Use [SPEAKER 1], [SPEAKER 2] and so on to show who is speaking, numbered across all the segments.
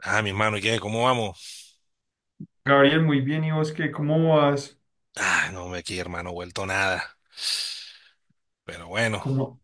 [SPEAKER 1] Ah, mi hermano, ¿y qué? ¿Cómo vamos?
[SPEAKER 2] Gabriel, muy bien. ¿Y vos qué? ¿Cómo vas?
[SPEAKER 1] Ah, no, me aquí, hermano, vuelto nada. Pero bueno,
[SPEAKER 2] ¿Cómo?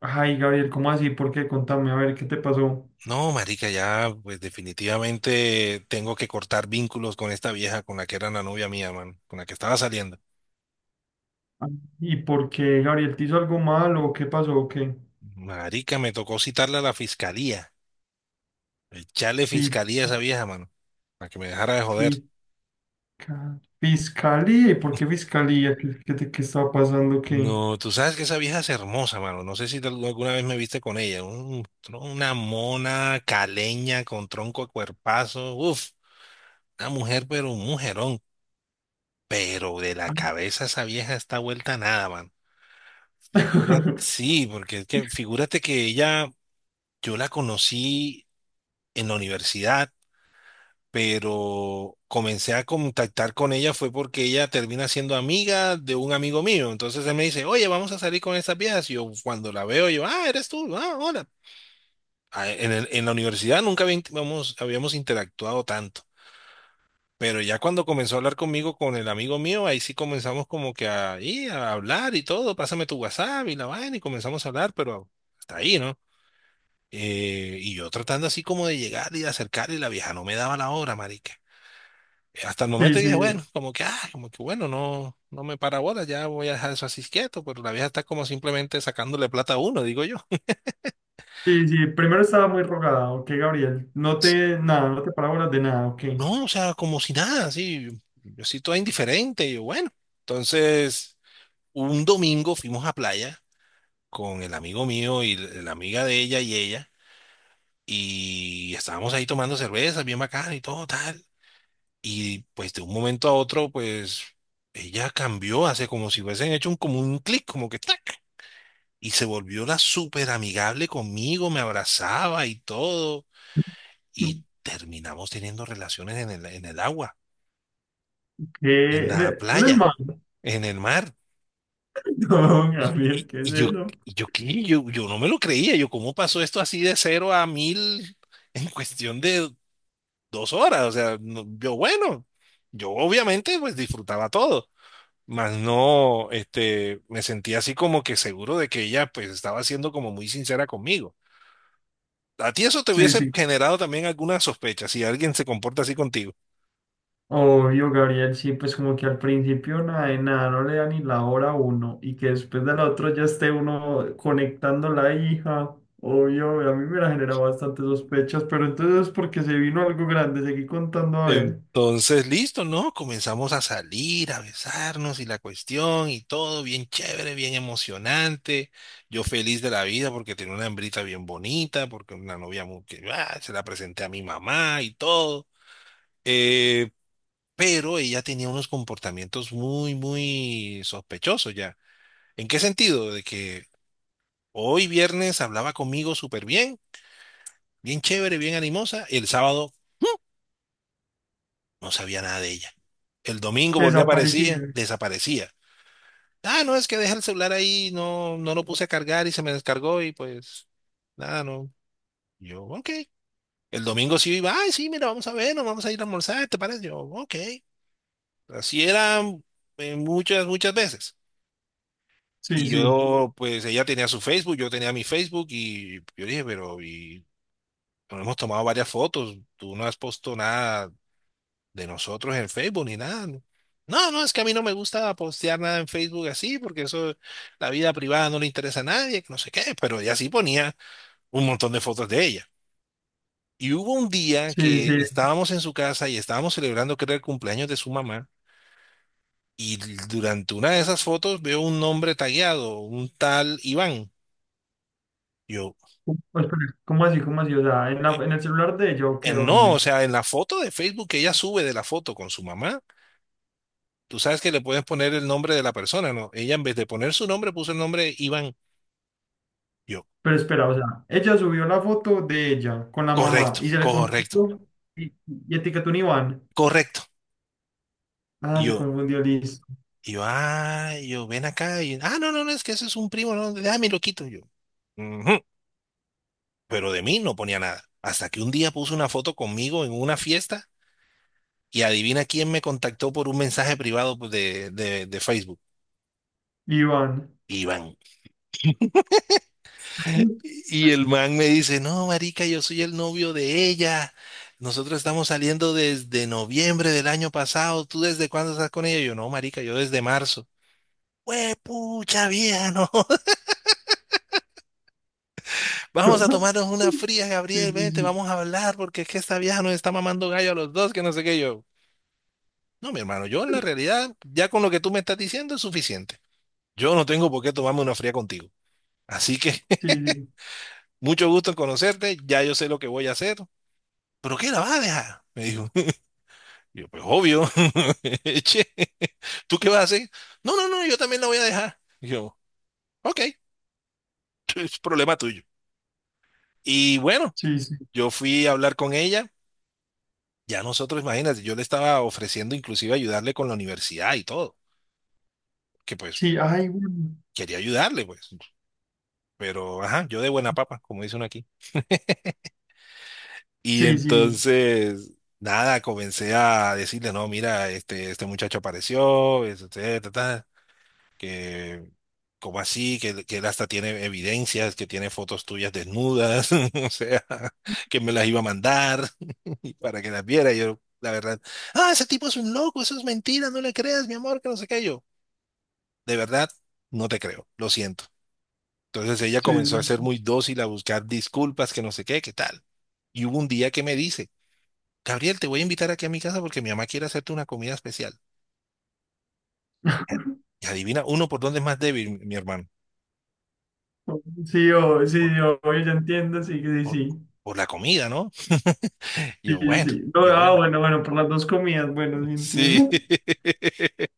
[SPEAKER 2] Ay, Gabriel, ¿cómo así? ¿Por qué? Contame, a ver, ¿qué te pasó?
[SPEAKER 1] no, marica, ya, pues definitivamente tengo que cortar vínculos con esta vieja con la que era la novia mía, man, con la que estaba saliendo.
[SPEAKER 2] Ah, ¿y por qué, Gabriel, te hizo algo malo? ¿Qué pasó? ¿O qué?
[SPEAKER 1] Marica, me tocó citarla a la fiscalía, echarle
[SPEAKER 2] Sí,
[SPEAKER 1] fiscalía a esa vieja, mano, para que me dejara de joder.
[SPEAKER 2] fisca- fiscalía. ¿Y por qué fiscalía? ¿Qué estaba pasando? ¿Qué?
[SPEAKER 1] No, tú sabes que esa vieja es hermosa, mano. No sé si alguna vez me viste con ella. Un tro- una mona caleña con tronco a cuerpazo. Uf, una mujer, pero un mujerón. Pero de la
[SPEAKER 2] Ah,
[SPEAKER 1] cabeza esa vieja está vuelta a nada, man. Figura- sí, porque es que figúrate que ella, yo la conocí en la universidad, pero comencé a contactar con ella fue porque ella termina siendo amiga de un amigo mío. Entonces él me dice, oye, vamos a salir con estas viejas. Y yo cuando la veo, yo, ah, eres tú, ah, hola. Ah, en la universidad nunca habíamos interactuado tanto. Pero ya cuando comenzó a hablar conmigo, con el amigo mío, ahí sí comenzamos como que a, y a hablar y todo, pásame tu WhatsApp y la vaina y comenzamos a hablar, pero hasta ahí, ¿no? Y yo tratando así como de llegar y de acercar y la vieja no me daba la hora, marica. Hasta el momento
[SPEAKER 2] Sí, sí,
[SPEAKER 1] dije, bueno, como que, ah, como que bueno, no, no me para bola, ya voy a dejar eso así quieto, pero la vieja está como simplemente sacándole plata a uno, digo yo.
[SPEAKER 2] sí. Primero estaba muy rogada, ¿ok, Gabriel? No te, nada, no te parábolas de nada, ¿ok?
[SPEAKER 1] No, o sea, como si nada, así, yo sí toda indiferente, y yo, bueno. Entonces, un domingo fuimos a playa con el amigo mío y la amiga de ella y ella, y estábamos ahí tomando cerveza, bien bacán y todo tal, y pues de un momento a otro, pues ella cambió, hace como si hubiesen hecho un, como un clic, como que ¡tac! Y se volvió la súper amigable conmigo, me abrazaba y todo, y terminamos teniendo relaciones en el agua, en
[SPEAKER 2] ¿Qué?
[SPEAKER 1] la
[SPEAKER 2] ¿El
[SPEAKER 1] playa,
[SPEAKER 2] hermano?
[SPEAKER 1] en el mar.
[SPEAKER 2] No,
[SPEAKER 1] Y,
[SPEAKER 2] Gabriel,
[SPEAKER 1] y,
[SPEAKER 2] ¿qué
[SPEAKER 1] y
[SPEAKER 2] es
[SPEAKER 1] yo,
[SPEAKER 2] eso?
[SPEAKER 1] y yo, ¿qué? yo no me lo creía, yo, ¿cómo pasó esto así de cero a mil en cuestión de 2 horas? O sea, yo bueno, yo obviamente pues disfrutaba todo, mas no, este, me sentía así como que seguro de que ella pues estaba siendo como muy sincera conmigo. A ti eso te
[SPEAKER 2] Sí,
[SPEAKER 1] hubiese
[SPEAKER 2] sí.
[SPEAKER 1] generado también alguna sospecha si alguien se comporta así contigo.
[SPEAKER 2] Obvio, Gabriel, sí, pues como que al principio nada de nada, no le da ni la hora a uno y que después del otro ya esté uno conectando la hija. Obvio, a mí me la generaba bastante sospechas, pero entonces porque se vino algo grande, seguí contando a ver,
[SPEAKER 1] Entonces, listo, ¿no? Comenzamos a salir, a besarnos y la cuestión y todo bien chévere, bien emocionante. Yo feliz de la vida porque tenía una hembrita bien bonita, porque una novia muy que ah, se la presenté a mi mamá y todo. Eh, pero ella tenía unos comportamientos muy, muy sospechosos ya. ¿En qué sentido? De que hoy viernes hablaba conmigo súper bien, bien chévere, bien animosa, y el sábado no sabía nada de ella. El domingo
[SPEAKER 2] se
[SPEAKER 1] volvió a aparecer,
[SPEAKER 2] desaparecía.
[SPEAKER 1] desaparecía. Ah, no, es que deja el celular ahí, no, no lo puse a cargar y se me descargó y pues nada, no. Yo, ok. El domingo sí iba, ay, sí, mira, vamos a ver, nos vamos a ir a almorzar, ¿te parece? Yo, ok. Así era muchas, muchas veces.
[SPEAKER 2] Sí,
[SPEAKER 1] Y
[SPEAKER 2] sí,
[SPEAKER 1] yo, pues ella tenía su Facebook, yo tenía mi Facebook y yo dije, pero y nos hemos tomado varias fotos, tú no has puesto nada de nosotros en Facebook ni nada. No, no, no, es que a mí no me gusta postear nada en Facebook así, porque eso, la vida privada no le interesa a nadie, que no sé qué, pero ella sí ponía un montón de fotos de ella. Y hubo un día
[SPEAKER 2] sí,
[SPEAKER 1] que
[SPEAKER 2] sí.
[SPEAKER 1] estábamos en su casa y estábamos celebrando, que era el cumpleaños de su mamá, y durante una de esas fotos veo un nombre tagueado, un tal Iván. Yo,
[SPEAKER 2] ¿Cómo espera, cómo así, cómo así? O sea, en el celular de ella o qué,
[SPEAKER 1] No, o
[SPEAKER 2] dónde.
[SPEAKER 1] sea, en la foto de Facebook que ella sube de la foto con su mamá, tú sabes que le puedes poner el nombre de la persona, ¿no? Ella en vez de poner su nombre puso el nombre de Iván. Yo,
[SPEAKER 2] Pero espera, o sea, ella subió la foto de ella con la mamá
[SPEAKER 1] correcto,
[SPEAKER 2] y se le
[SPEAKER 1] correcto,
[SPEAKER 2] confundió y etiquetó un Iván.
[SPEAKER 1] correcto.
[SPEAKER 2] Ah,
[SPEAKER 1] Y
[SPEAKER 2] se
[SPEAKER 1] yo,
[SPEAKER 2] confundió, listo.
[SPEAKER 1] y yo, ven acá. Y, ah, no, no, no, es que ese es un primo, no, déjame lo quito. Y yo, "Ujú". Pero de mí no ponía nada. Hasta que un día puso una foto conmigo en una fiesta y adivina quién me contactó por un mensaje privado pues, de, de Facebook.
[SPEAKER 2] Iván.
[SPEAKER 1] Iván. Y el man me dice, no, marica, yo soy el novio de ella. Nosotros estamos saliendo desde noviembre del año pasado. ¿Tú desde cuándo estás con ella? Yo, no, marica, yo desde marzo. Pues pucha vieja, no. Vamos a tomarnos una fría,
[SPEAKER 2] Sí,
[SPEAKER 1] Gabriel,
[SPEAKER 2] sí,
[SPEAKER 1] vente,
[SPEAKER 2] sí.
[SPEAKER 1] vamos a hablar, porque es que esta vieja nos está mamando gallo a los dos, que no sé qué. Yo, no, mi hermano, yo en la realidad, ya con lo que tú me estás diciendo es suficiente. Yo no tengo por qué tomarme una fría contigo. Así que,
[SPEAKER 2] Sí, sí,
[SPEAKER 1] mucho gusto en conocerte, ya yo sé lo que voy a hacer. ¿Pero qué la vas a dejar? Me dijo. Y yo, pues obvio. Che, ¿tú qué vas a hacer? No, no, no, yo también la voy a dejar. Y yo, ok, es problema tuyo. Y bueno,
[SPEAKER 2] sí.
[SPEAKER 1] yo fui a hablar con ella. Ya nosotros, imagínate, yo le estaba ofreciendo inclusive ayudarle con la universidad y todo, que pues
[SPEAKER 2] Sí, ay, bueno.
[SPEAKER 1] quería ayudarle, pues. Pero, ajá, yo de buena papa, como dice uno aquí. Y
[SPEAKER 2] Sí, sí,
[SPEAKER 1] entonces, nada, comencé a decirle, no, mira, este muchacho apareció, este, que como así, que él hasta tiene evidencias, que tiene fotos tuyas desnudas, o sea, que me las iba a mandar y para que las viera. Y yo, la verdad, ah, ese tipo es un loco, eso es mentira, no le creas, mi amor, que no sé qué yo. De verdad, no te creo, lo siento. Entonces ella
[SPEAKER 2] sí,
[SPEAKER 1] comenzó a ser
[SPEAKER 2] sí.
[SPEAKER 1] muy dócil, a buscar disculpas, que no sé qué, qué tal. Y hubo un día que me dice, Gabriel, te voy a invitar aquí a mi casa porque mi mamá quiere hacerte una comida especial. Y adivina, uno por dónde es más débil, mi hermano.
[SPEAKER 2] Oh, sí, oh, sí, sí, oh, ya entiendo, sí, sí,
[SPEAKER 1] por,
[SPEAKER 2] sí.
[SPEAKER 1] por la comida, ¿no?
[SPEAKER 2] Sí,
[SPEAKER 1] Yo,
[SPEAKER 2] sí,
[SPEAKER 1] bueno,
[SPEAKER 2] sí. No,
[SPEAKER 1] yo,
[SPEAKER 2] ah,
[SPEAKER 1] bueno.
[SPEAKER 2] bueno, bueno, por las dos comidas, bueno, sí
[SPEAKER 1] Sí.
[SPEAKER 2] entiendo.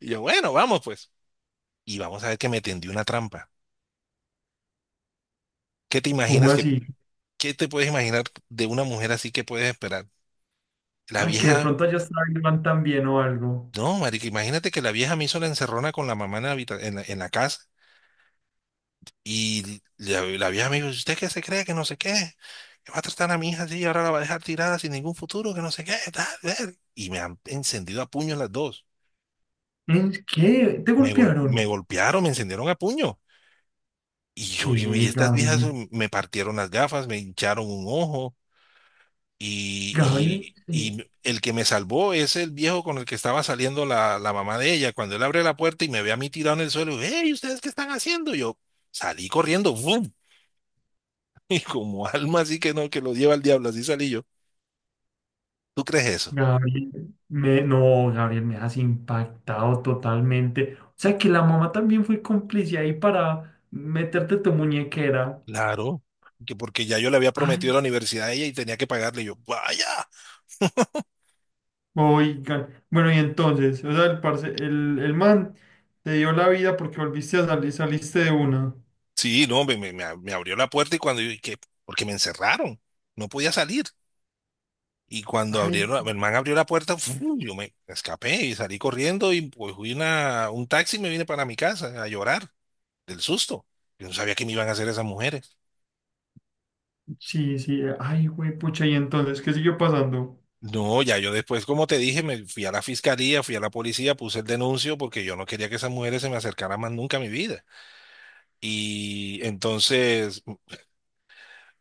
[SPEAKER 1] Yo, bueno, vamos pues. Y vamos a ver que me tendió una trampa. ¿Qué te
[SPEAKER 2] ¿Cómo
[SPEAKER 1] imaginas que,
[SPEAKER 2] así?
[SPEAKER 1] qué te puedes imaginar de una mujer así que puedes esperar? La
[SPEAKER 2] Ah, que de
[SPEAKER 1] vieja,
[SPEAKER 2] pronto ya estaba Iván también o algo.
[SPEAKER 1] no, marica, imagínate que la vieja me hizo la encerrona con la mamá en la, en la casa y la vieja me dijo, ¿usted qué se cree que no sé qué? Que va a tratar a mi hija así y ahora la va a dejar tirada sin ningún futuro, que no sé qué, tal, ver. Y me han encendido a puños las dos.
[SPEAKER 2] ¿En qué? ¿Te
[SPEAKER 1] Me
[SPEAKER 2] golpearon?
[SPEAKER 1] golpearon, me encendieron a puño. Y yo, y
[SPEAKER 2] ¿Qué,
[SPEAKER 1] estas viejas
[SPEAKER 2] Gabriel?
[SPEAKER 1] me partieron las gafas, me hincharon un ojo.
[SPEAKER 2] Gabriel,
[SPEAKER 1] Y, y,
[SPEAKER 2] sí.
[SPEAKER 1] y el que me salvó es el viejo con el que estaba saliendo la mamá de ella. Cuando él abre la puerta y me ve a mí tirado en el suelo, hey, ¿ustedes qué están haciendo? Yo salí corriendo, ¡fum! Y como alma así que no, que lo lleva al diablo, así salí yo. ¿Tú crees eso?
[SPEAKER 2] Gabriel, me, no, Gabriel, me has impactado totalmente. O sea que la mamá también fue cómplice ahí para meterte tu muñequera.
[SPEAKER 1] Claro, que porque ya yo le había prometido
[SPEAKER 2] Ay,
[SPEAKER 1] a la universidad a ella y tenía que pagarle. Yo, vaya.
[SPEAKER 2] oigan. Bueno, y entonces, o sea, el man te dio la vida porque volviste a salir, saliste de una.
[SPEAKER 1] Sí, no, me abrió la puerta y cuando yo, ¿y qué? Porque me encerraron, no podía salir. Y cuando
[SPEAKER 2] Ay,
[SPEAKER 1] abrieron, el man abrió la puerta, ¡fu! Yo me escapé y salí corriendo y pues fui una, un taxi y me vine para mi casa a llorar del susto. Yo no sabía qué me iban a hacer esas mujeres.
[SPEAKER 2] sí, sí, ay, güey, pucha, y entonces, ¿qué siguió pasando?
[SPEAKER 1] No, ya yo después, como te dije, me fui a la fiscalía, fui a la policía, puse el denuncio porque yo no quería que esas mujeres se me acercaran más nunca a mi vida. Y entonces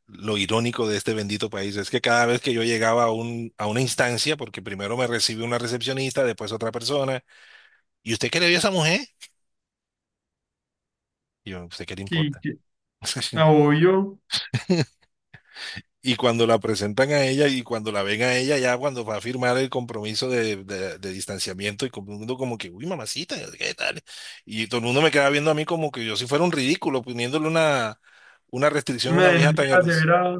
[SPEAKER 1] lo irónico de este bendito país es que cada vez que yo llegaba a un, a una instancia, porque primero me recibió una recepcionista, después otra persona, ¿y usted qué le vio a esa mujer? Y yo, ¿usted qué le
[SPEAKER 2] Sí,
[SPEAKER 1] importa?
[SPEAKER 2] ah, obvio,
[SPEAKER 1] Y cuando la presentan a ella y cuando la ven a ella, ya cuando va a firmar el compromiso de, de distanciamiento y todo el mundo como que, uy, mamacita, ¿qué tal? Y todo el mundo me queda viendo a mí como que yo si fuera un ridículo poniéndole una restricción a
[SPEAKER 2] me
[SPEAKER 1] una vieja
[SPEAKER 2] denuncia
[SPEAKER 1] tan...
[SPEAKER 2] a Severa,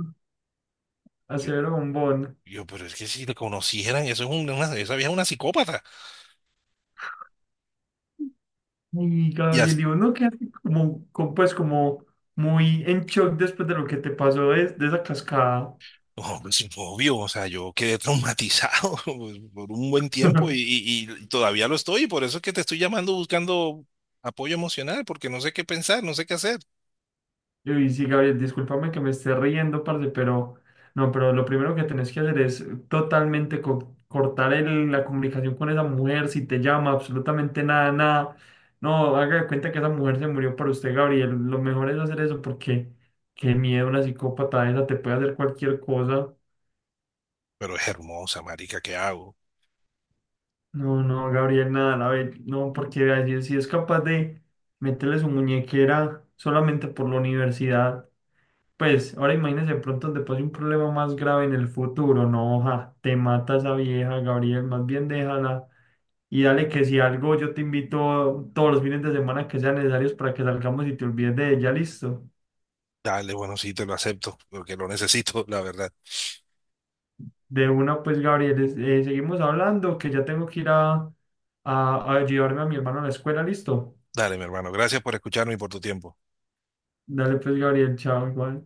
[SPEAKER 2] a
[SPEAKER 1] Yo,
[SPEAKER 2] Severo Bombón.
[SPEAKER 1] yo, pero es que si la conocieran, eso es una, esa vieja es una psicópata.
[SPEAKER 2] Y
[SPEAKER 1] Y,
[SPEAKER 2] Gabriel,
[SPEAKER 1] as-
[SPEAKER 2] digo, no quedaste como, como, pues como muy en shock después de lo que te pasó de esa cascada.
[SPEAKER 1] Oh, pues, obvio, o sea, yo quedé traumatizado pues, por un buen tiempo y, y todavía lo estoy, y por eso es que te estoy llamando buscando apoyo emocional, porque no sé qué pensar, no sé qué hacer.
[SPEAKER 2] Y sí, Gabriel, discúlpame que me esté riendo, parce, pero no, pero lo primero que tenés que hacer es totalmente cortar la comunicación con esa mujer, si te llama, absolutamente nada, nada. No, haga de cuenta que esa mujer se murió por usted, Gabriel. Lo mejor es hacer eso porque qué miedo, una psicópata esa te puede hacer cualquier cosa.
[SPEAKER 1] Pero es hermosa, marica, ¿qué hago?
[SPEAKER 2] No, no, Gabriel, nada, la ve, no, porque así, si es capaz de meterle su muñequera solamente por la universidad, pues ahora imagínese de pronto donde pase un problema más grave en el futuro, no, ja, te mata esa vieja, Gabriel, más bien déjala y dale que si algo yo te invito todos los fines de semana que sean necesarios para que salgamos y te olvides de ella, listo.
[SPEAKER 1] Dale, bueno, sí, te lo acepto, porque lo necesito, la verdad.
[SPEAKER 2] De una, pues, Gabriel, seguimos hablando, que ya tengo que ir a, a llevarme a mi hermano a la escuela, listo.
[SPEAKER 1] Dale, mi hermano, gracias por escucharme y por tu tiempo.
[SPEAKER 2] Dale, pues, Gabriel, chao, igual.